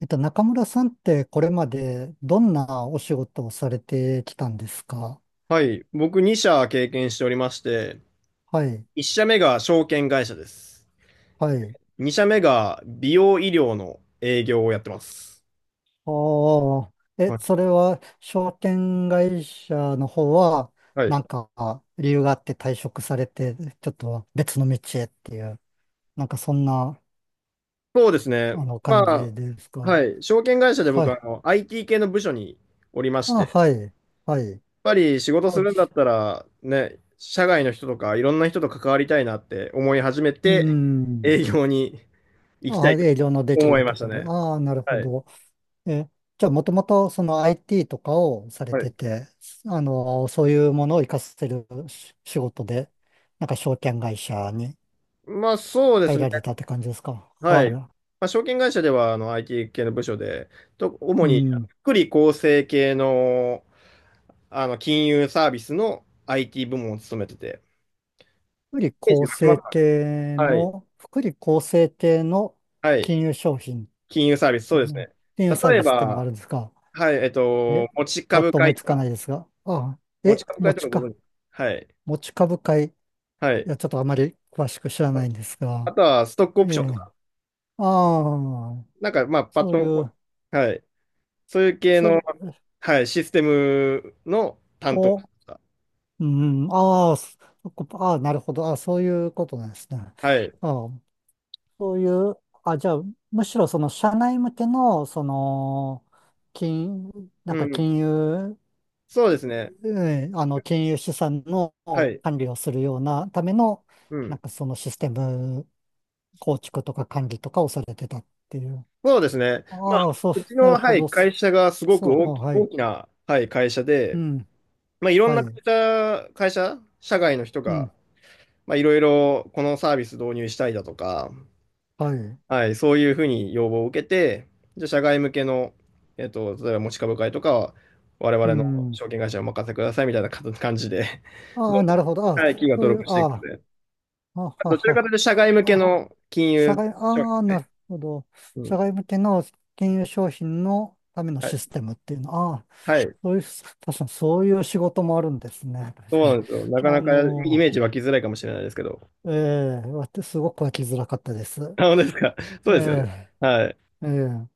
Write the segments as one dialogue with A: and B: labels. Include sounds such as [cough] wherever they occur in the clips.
A: 中村さんってこれまでどんなお仕事をされてきたんですか？
B: はい。僕2社経験しておりまして、
A: はい、
B: 1社目が証券会社です。
A: はい。
B: 2社目が美容医療の営業をやってます。
A: ああ、
B: は
A: え、
B: い。
A: それは証券会社の方は、
B: はい。
A: なんか理由があって退職されて、ちょっと別の道へっていう、なんかそんな、
B: そうですね。
A: あの、
B: ま
A: 感じ
B: あ、
A: ですか？
B: はい。証券会社で
A: は
B: 僕は
A: い。
B: IT 系の部署におりまして、
A: あ、
B: やっ
A: はい、はい。
B: ぱり仕事す
A: あ、
B: るん
A: じ
B: だったら、ね、社外の人とかいろんな人と関わりたいなって思い始め
A: うー
B: て、
A: ん。
B: 営業に行きた
A: あ、
B: いと
A: 営業のでき
B: 思い
A: る
B: ま
A: と
B: した
A: ころ。
B: ね。
A: ああ、なるほ
B: はい。
A: ど。え、じゃあ、もともとその IT とかをされ
B: は
A: て
B: い。
A: て、あの、そういうものを活かせるし仕事で、証券会社に
B: まあそうで
A: 入
B: すね。
A: られたって感じですか。
B: はい。ま
A: は
B: あ、証券会社ではIT 系の部署で、主
A: い。う
B: に
A: ん。
B: 福利厚生系の、あの金融サービスの IT 部門を務めてて。
A: 福利
B: イメージ
A: 厚
B: 湧きま
A: 生
B: すかね？
A: 系
B: はい。
A: の、福利厚生系の
B: はい。
A: 金融商品っ
B: 金融サービス、そ
A: て
B: うです
A: ね、
B: ね。
A: 金融サー
B: 例え
A: ビスってのがあ
B: ば、
A: るんですか。
B: はい、
A: え、
B: 持ち
A: パッ
B: 株
A: と思
B: 会
A: い
B: と
A: つかな
B: か、
A: いですが。ああ、
B: 持ち
A: え、
B: 株会
A: 持
B: と
A: ち
B: かご
A: か。
B: 存知？はい。
A: 持ち株会。い
B: はい。
A: や、ちょっとあまり詳しく知らないんです
B: あ
A: が。
B: とは、ストックオ
A: え
B: プションと
A: え。
B: か、
A: ああ。
B: なんか、まあ、パッ
A: そう
B: と
A: い
B: こ
A: う
B: う、はい。そういう系
A: そ
B: の、
A: れ、
B: はい、システムの担当と
A: お、
B: か。
A: うん、ああ、そそこああ、なるほど。ああ、そういうことなんですね。
B: はい。
A: ああ、そういう、あ、じゃあ、むしろその社内向けの、その、金、
B: うん。
A: 金融、
B: そうですね。
A: うん、あの、金融資産の
B: はい。
A: 管理をするようなための、
B: うん。
A: そのシステム構築とか管理とかをされてたっていう。
B: そうですね。まあ、
A: ああ、そう、
B: うち
A: なる
B: の、
A: ほ
B: はい、
A: ど。そ
B: 会社がすごく
A: そう、は
B: 大
A: い。
B: きな、はい、会社
A: う
B: で、
A: ん、
B: まあ、いろん
A: は
B: な会
A: い。
B: 社、会社、社外の人
A: う
B: が、
A: ん、
B: まあ、いろいろこのサービス導入したいだとか、
A: はい。
B: はい、そういうふうに要望を受けて、じゃあ社外向けの、例えば持ち株会とかは、我
A: う
B: 々の
A: ん。
B: 証券会社にお任せくださいみたいなか感じで、[laughs]
A: あ
B: ど
A: あ、
B: んどん、
A: なるほど。ああ、
B: はい、企業が
A: そう
B: 登
A: いう、
B: 録していく
A: あ
B: ので、
A: あ、はは
B: どちらかとい
A: は。
B: うと社外向け
A: あ、
B: の金融
A: 社外、
B: 商品
A: あ
B: で
A: あ、
B: す
A: な
B: ね。
A: るほど。
B: うん。
A: 社外向けの金融商品のための
B: は
A: シ
B: い。
A: ステムっていうの。ああ、
B: はい。
A: そういう、確かにそういう仕事もあるんですね。
B: そ
A: 確
B: う
A: か
B: な
A: に。
B: んですよ。なかな
A: あ
B: かイ
A: の、
B: メージ湧きづらいかもしれないですけど。
A: ええ、わてすごく湧きづらかったです。
B: あ、本当ですか？そ
A: え
B: うですよね。
A: え、
B: はい。
A: ええ、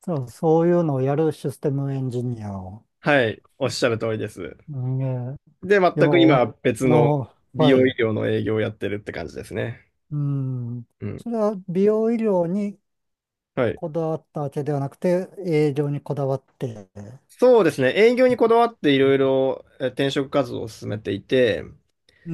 A: そう、そういうのをやるシステムエンジニアを。
B: はい。おっしゃる通りです。
A: うんええ、
B: で、
A: いや、あ
B: 全く今、別の
A: の、
B: 美
A: は
B: 容医
A: い。
B: 療の営業をやってるって感じですね。
A: うん。
B: うん。
A: それは美容医療に
B: はい。
A: こだわったわけではなくて、営業にこだわって、
B: そうですね。営業にこだわっていろいろ転職活動を進めていて、
A: う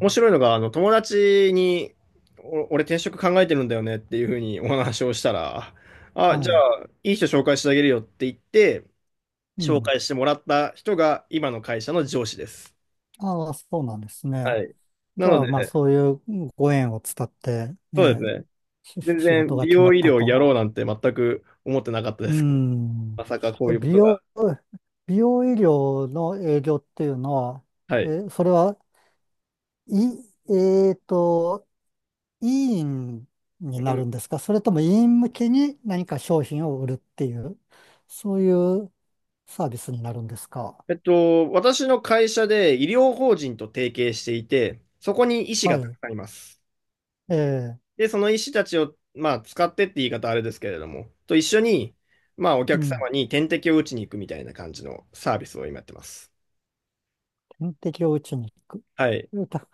B: 面白いのが、あの、友達に、俺転職考えてるんだよねっていうふうにお話をしたら、あ、
A: は
B: じゃ
A: い、
B: あ、いい人紹介してあげるよって言って、
A: う
B: 紹
A: ん。
B: 介してもらった人が今の会社の上司です。
A: ああ、そうなんですね。
B: はい。
A: じ
B: な
A: ゃ
B: の
A: あ、
B: で、
A: まあ、そういうご縁を伝って、
B: そうです
A: ね、
B: ね。
A: し
B: 全
A: 仕事
B: 然
A: が
B: 美
A: 決ま
B: 容
A: っ
B: 医
A: た
B: 療や
A: と。
B: ろうなんて全く思ってなかったで
A: う
B: すけど、
A: ん。
B: まさかこ
A: え
B: ういうこ
A: 美
B: とが。
A: 容、美容医療の営業っていうのは、
B: はい。
A: え、それは、い、えっと、医院に
B: う
A: なる
B: ん、
A: んですか？それとも医院向けに何か商品を売るっていう、そういうサービスになるんですか？
B: 私の会社で医療法人と提携していて、そこに医師
A: は
B: がたく
A: い。
B: さんいます。
A: ええ、
B: で、その医師たちを、まあ、使ってって言い方はあれですけれども、と一緒に、まあ、お
A: う
B: 客
A: ん。
B: 様に点滴を打ちに行くみたいな感じのサービスを今やってます。
A: 点滴を打ちに行
B: はい。
A: く。た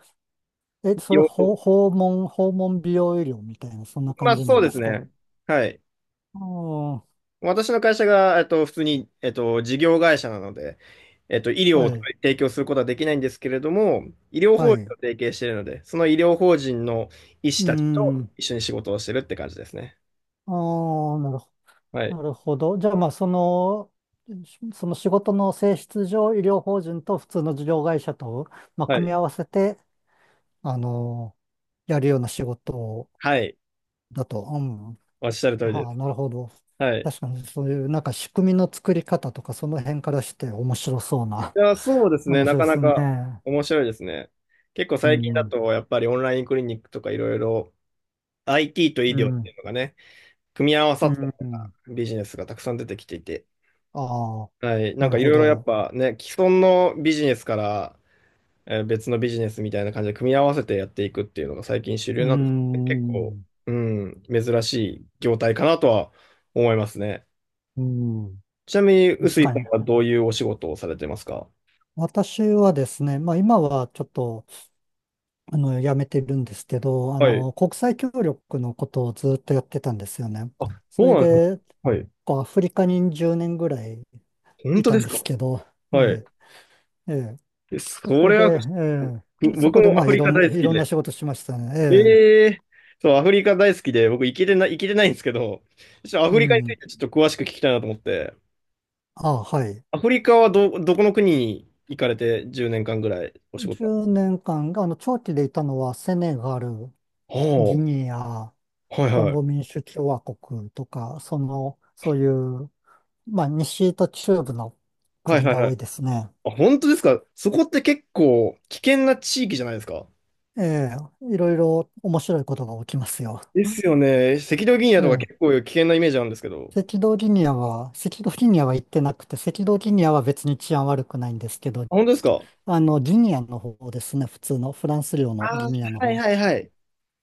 A: え、それ、
B: よ、
A: 訪訪問、訪問美容医療みたいな、そんな
B: ま
A: 感
B: あ、
A: じな
B: そ
A: ん
B: うで
A: で
B: す
A: すか？
B: ね。はい。
A: ああ、
B: 私の会社が、普通に、事業会社なので、医療
A: は
B: を
A: い、
B: 提供することはできないんですけれども、医療
A: は
B: 法人と
A: い。
B: 提携しているので、その医療法人の医師
A: う
B: たちと
A: ん。
B: 一緒に仕事をしてるって感じですね。
A: ああ、なるほ、
B: はい。
A: なるほど。じゃあ、まあ、その、しその仕事の性質上、医療法人と普通の事業会社と、まあ、
B: は
A: 組み
B: い。
A: 合わせて、あの、やるような仕事
B: はい。
A: だと。うん
B: おっしゃる通りで
A: はあ、
B: す。
A: なるほど。
B: はい。
A: 確かにそういう仕組みの作り方とかその辺からして面白そうな
B: いや、そうで
A: [laughs]
B: すね。
A: 話
B: な
A: で
B: かな
A: す
B: か
A: ね。
B: 面白いですね。結構
A: う
B: 最近だ
A: ん。
B: と、やっぱりオンラインクリニックとかいろいろ IT と医
A: う
B: 療って
A: ん。
B: いうのがね、組み合わさ
A: う
B: ったような
A: ん。
B: ビジネスがたくさん出てきていて、
A: ああ、
B: はい。な
A: な
B: ん
A: る
B: かい
A: ほ
B: ろいろやっ
A: ど。
B: ぱね、既存のビジネスから、別のビジネスみたいな感じで組み合わせてやっていくっていうのが最近主
A: う
B: 流
A: ー
B: なんで、結構、
A: ん。
B: うん、珍しい業態かなとは思いますね。
A: うん。
B: ちなみに、
A: 確
B: 臼井
A: かに。
B: さんはどういうお仕事をされてますか？
A: 私はですね、まあ今はちょっと、あの、やめてるんですけど、あ
B: はい。
A: の、国際協力のことをずっとやってたんですよね。
B: あ、
A: そ
B: そう
A: れ
B: なんですか。
A: で、
B: はい。
A: こうアフリカに10年ぐらい
B: 本
A: い
B: 当
A: た
B: で
A: ん
B: す
A: です
B: か？
A: けど、
B: は
A: え
B: い。
A: えええ
B: え
A: そ
B: そ
A: こ
B: れは、ぶ
A: で、ええ、そ
B: 僕
A: こで
B: も
A: ま
B: ア
A: あ
B: フ
A: い
B: リ
A: ろ
B: カ
A: んな、
B: 大好
A: い
B: き
A: ろん
B: で。
A: な仕事しましたね。ええ、
B: ええ、そう、アフリカ大好きで、僕行けてないんですけど、ちょっとア
A: う
B: フリカについ
A: ん。
B: てちょっと詳しく聞きたいなと思って。
A: あ、はい。
B: アフリカはどこの国に行かれて10年間ぐらいお仕事なの？
A: 10年間が、あの、長期でいたのはセネガル、ギ
B: お
A: ニア、
B: ー、はい
A: コン
B: は
A: ゴ
B: い。
A: 民主共和国とか、その、そういう、まあ西と中部の
B: はい
A: 国
B: はい
A: が
B: は
A: 多い
B: い。
A: ですね。
B: あ、本当ですか？そこって結構危険な地域じゃないですか？
A: ええ、いろいろ面白いことが起きますよ。
B: ですよね。赤道ギニア
A: え
B: とか
A: え、
B: 結構危険なイメージあるんですけど。
A: 赤道ギニアは、赤道ギニアは行ってなくて、赤道ギニアは別に治安悪くないんですけど、
B: あ、本当ですか？
A: あの、ギニアの方ですね。普通のフランス領の
B: あ
A: ギ
B: ー、
A: ニアの
B: はい
A: 方。
B: はいはい。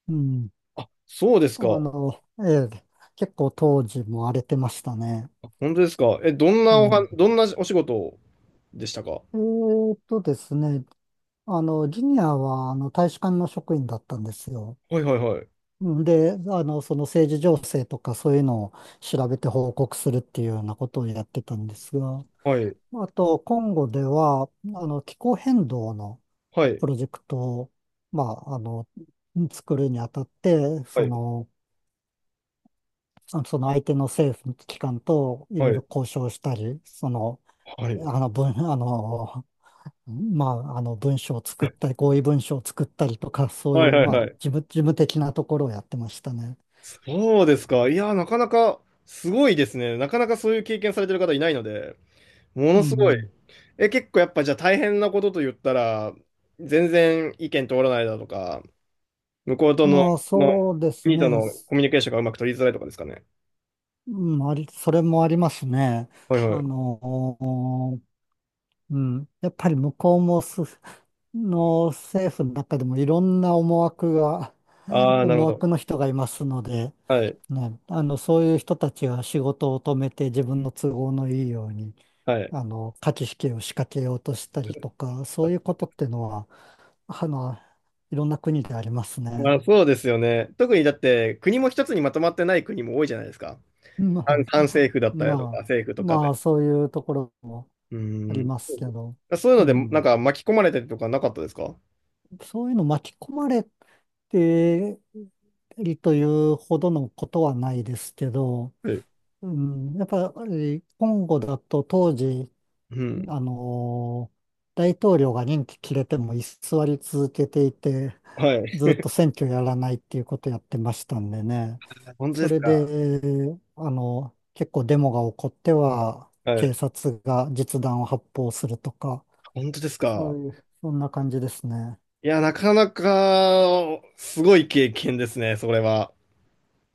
A: うん。
B: あ、そうです
A: あ
B: か。
A: の、ええ、結構当時も荒れてましたね。
B: あ、本当ですか？え、
A: うん。
B: どんなお仕事でしたか？は
A: ですね。あの、ギニアは、あの、大使館の職員だったんですよ。
B: いはいはい。
A: うんで、あの、その政治情勢とかそういうのを調べて報告するっていうようなことをやってたんですが、
B: はい。
A: あと、コンゴでは、あの、気候変動の
B: はい。
A: プロジェクトを、まあ、あの、作るにあたって、
B: は
A: そ
B: い。
A: の、あその相手の政府機関とい
B: は
A: ろい
B: い。
A: ろ交渉したり、その、
B: はい。
A: あの文、あの、まあ、あの文書を作ったり、合意文書を作ったりとか、そう
B: は
A: い
B: い。
A: う、
B: はい。
A: ま
B: は
A: あ、事
B: い。はい。
A: 務、事務的なところをやってましたね。
B: そうですか。いや、なかなかすごいですね。なかなかそういう経験されてる方いないので、もの
A: う
B: すごい。
A: ん。
B: え、結構やっぱじゃあ大変なことと言ったら、全然意見通らないだとか、向こうとの、
A: まあ、
B: の
A: そうです
B: 国と
A: ね。
B: のコミュニケーションがうまく取りづらいとかですかね。
A: うん、あり、それもありますね。
B: はいは
A: あ
B: い。
A: の、うん。やっぱり向こうもす、の政府の中でもいろんな思惑が、
B: ああ、なる
A: 思
B: ほど。
A: 惑の人がいますので、
B: はい。
A: ね、あの、そういう人たちは仕事を止めて自分の都合のいいように、
B: はい。
A: あの、価値きを仕掛けようとしたりとか、そういうことってのは、あの、いろんな国であります
B: まあ、
A: ね。
B: そうですよね。特にだって国も一つにまとまってない国も多いじゃないですか。
A: ま
B: 反
A: あ、
B: 政府だったりだと
A: ま
B: か、
A: あ、
B: 政府とか
A: ま
B: で。
A: あ、そういうところも
B: う
A: あり
B: ーん。
A: ますけど、
B: そういう
A: う
B: ので、なん
A: ん、
B: か巻き込まれたりとかなかったですか？
A: そういうの巻き込まれてりというほどのことはないですけど、
B: はい、
A: うん、やっぱり今後だと当時、
B: うん、
A: あのー大統領が任期切れても居座り続けていて、
B: は
A: ずっ
B: い。
A: と選挙やらないっていうことやってましたんでね。
B: 本当
A: そ
B: です
A: れ
B: か？
A: で、あの、結構デモが起こっては、
B: は
A: 警
B: い。
A: 察が実弾を発砲するとか、
B: 本当です
A: そ
B: か？
A: ういう、そんな感じですね。
B: いや、なかなか、すごい経験ですね、それは。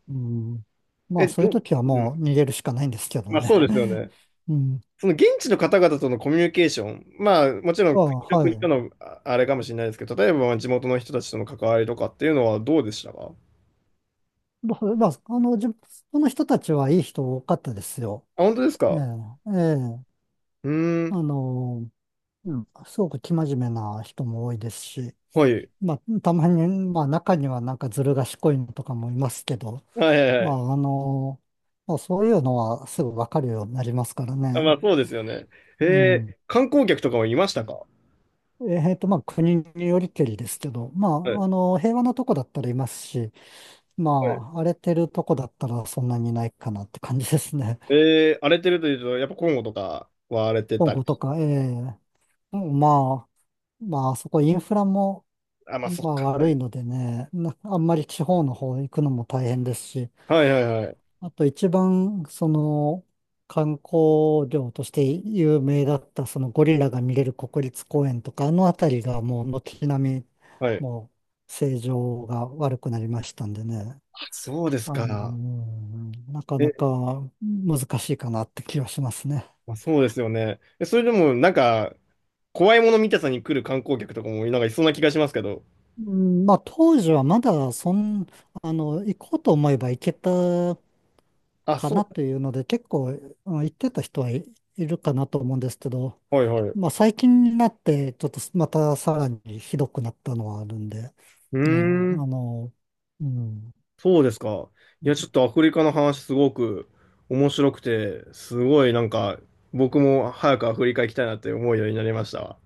A: うん。まあ、そういう時は
B: う
A: も
B: ん。
A: う逃げるしかないんですけど
B: まあそう
A: ね。
B: ですよ
A: [laughs]
B: ね。
A: うん。
B: その現地の方々とのコミュニケーション、まあもちろ
A: ま
B: ん
A: あ、
B: 国と
A: は
B: 国と
A: い。
B: のああれかもしれないですけど、例えば地元の人たちとの関わりとかっていうのはどうでしたか？
A: まあ、その人たちはいい人多かったですよ。
B: あ、本当です
A: え
B: か？
A: え、ええ。
B: うーん、
A: あの、うん、すごく生真面目な人も多いですし、
B: はい。
A: まあ、たまに、まあ、中にはずる賢いのとかもいますけど、
B: はいはいは
A: まあ、
B: い。
A: あの、まあ、そういうのはすぐわかるようになりますから
B: あ、ま
A: ね。
B: あそうですよね。へ
A: う
B: え、
A: ん。
B: 観光客とかもいまし
A: う
B: たか？は
A: んまあ、国によりけりですけど、ま
B: い、は
A: あ、あの、平和なとこだったらいますし、
B: い。
A: まあ、荒れてるとこだったらそんなにいないかなって感じですね。
B: えー、荒れてるというと、やっぱコンゴとかは荒れ
A: [laughs]
B: て
A: 今
B: たり。
A: 後とか、ええうんまあ、まあ、あそこインフラも、
B: あ、まあ、そっ
A: まあ
B: か。
A: 悪いのでね、な [laughs] あんまり地方の方行くのも大変ですし、
B: はいはいはいはい。
A: あと一番その観光業として有名だったそのゴリラが見れる国立公園とか、あの辺りがもう軒並み
B: はい。
A: もう正常が悪くなりましたんでね、
B: そうです
A: あの、う
B: か。
A: んなかな
B: え、
A: か難しいかなって気がしますね。
B: まあ、そうですよね。え、それでも、なんか、怖いもの見たさに来る観光客とかも、なんかいそうな気がしますけど。
A: うん、まあ当時はまだそん、あの、行こうと思えば行けた
B: あ、
A: か
B: そ
A: なというので、結構、うん言ってた人はいいるかなと思うんですけど、
B: う。はいはい。う
A: まあ最近になって、ちょっとまたさらにひどくなったのはあるんで、
B: ー
A: ね、あ
B: ん、
A: の、うん。
B: そうですか。いや、ちょっとアフリカの話すごく面白くて、すごいなんか、僕も早くアフリカ行きたいなって思うようになりましたわ。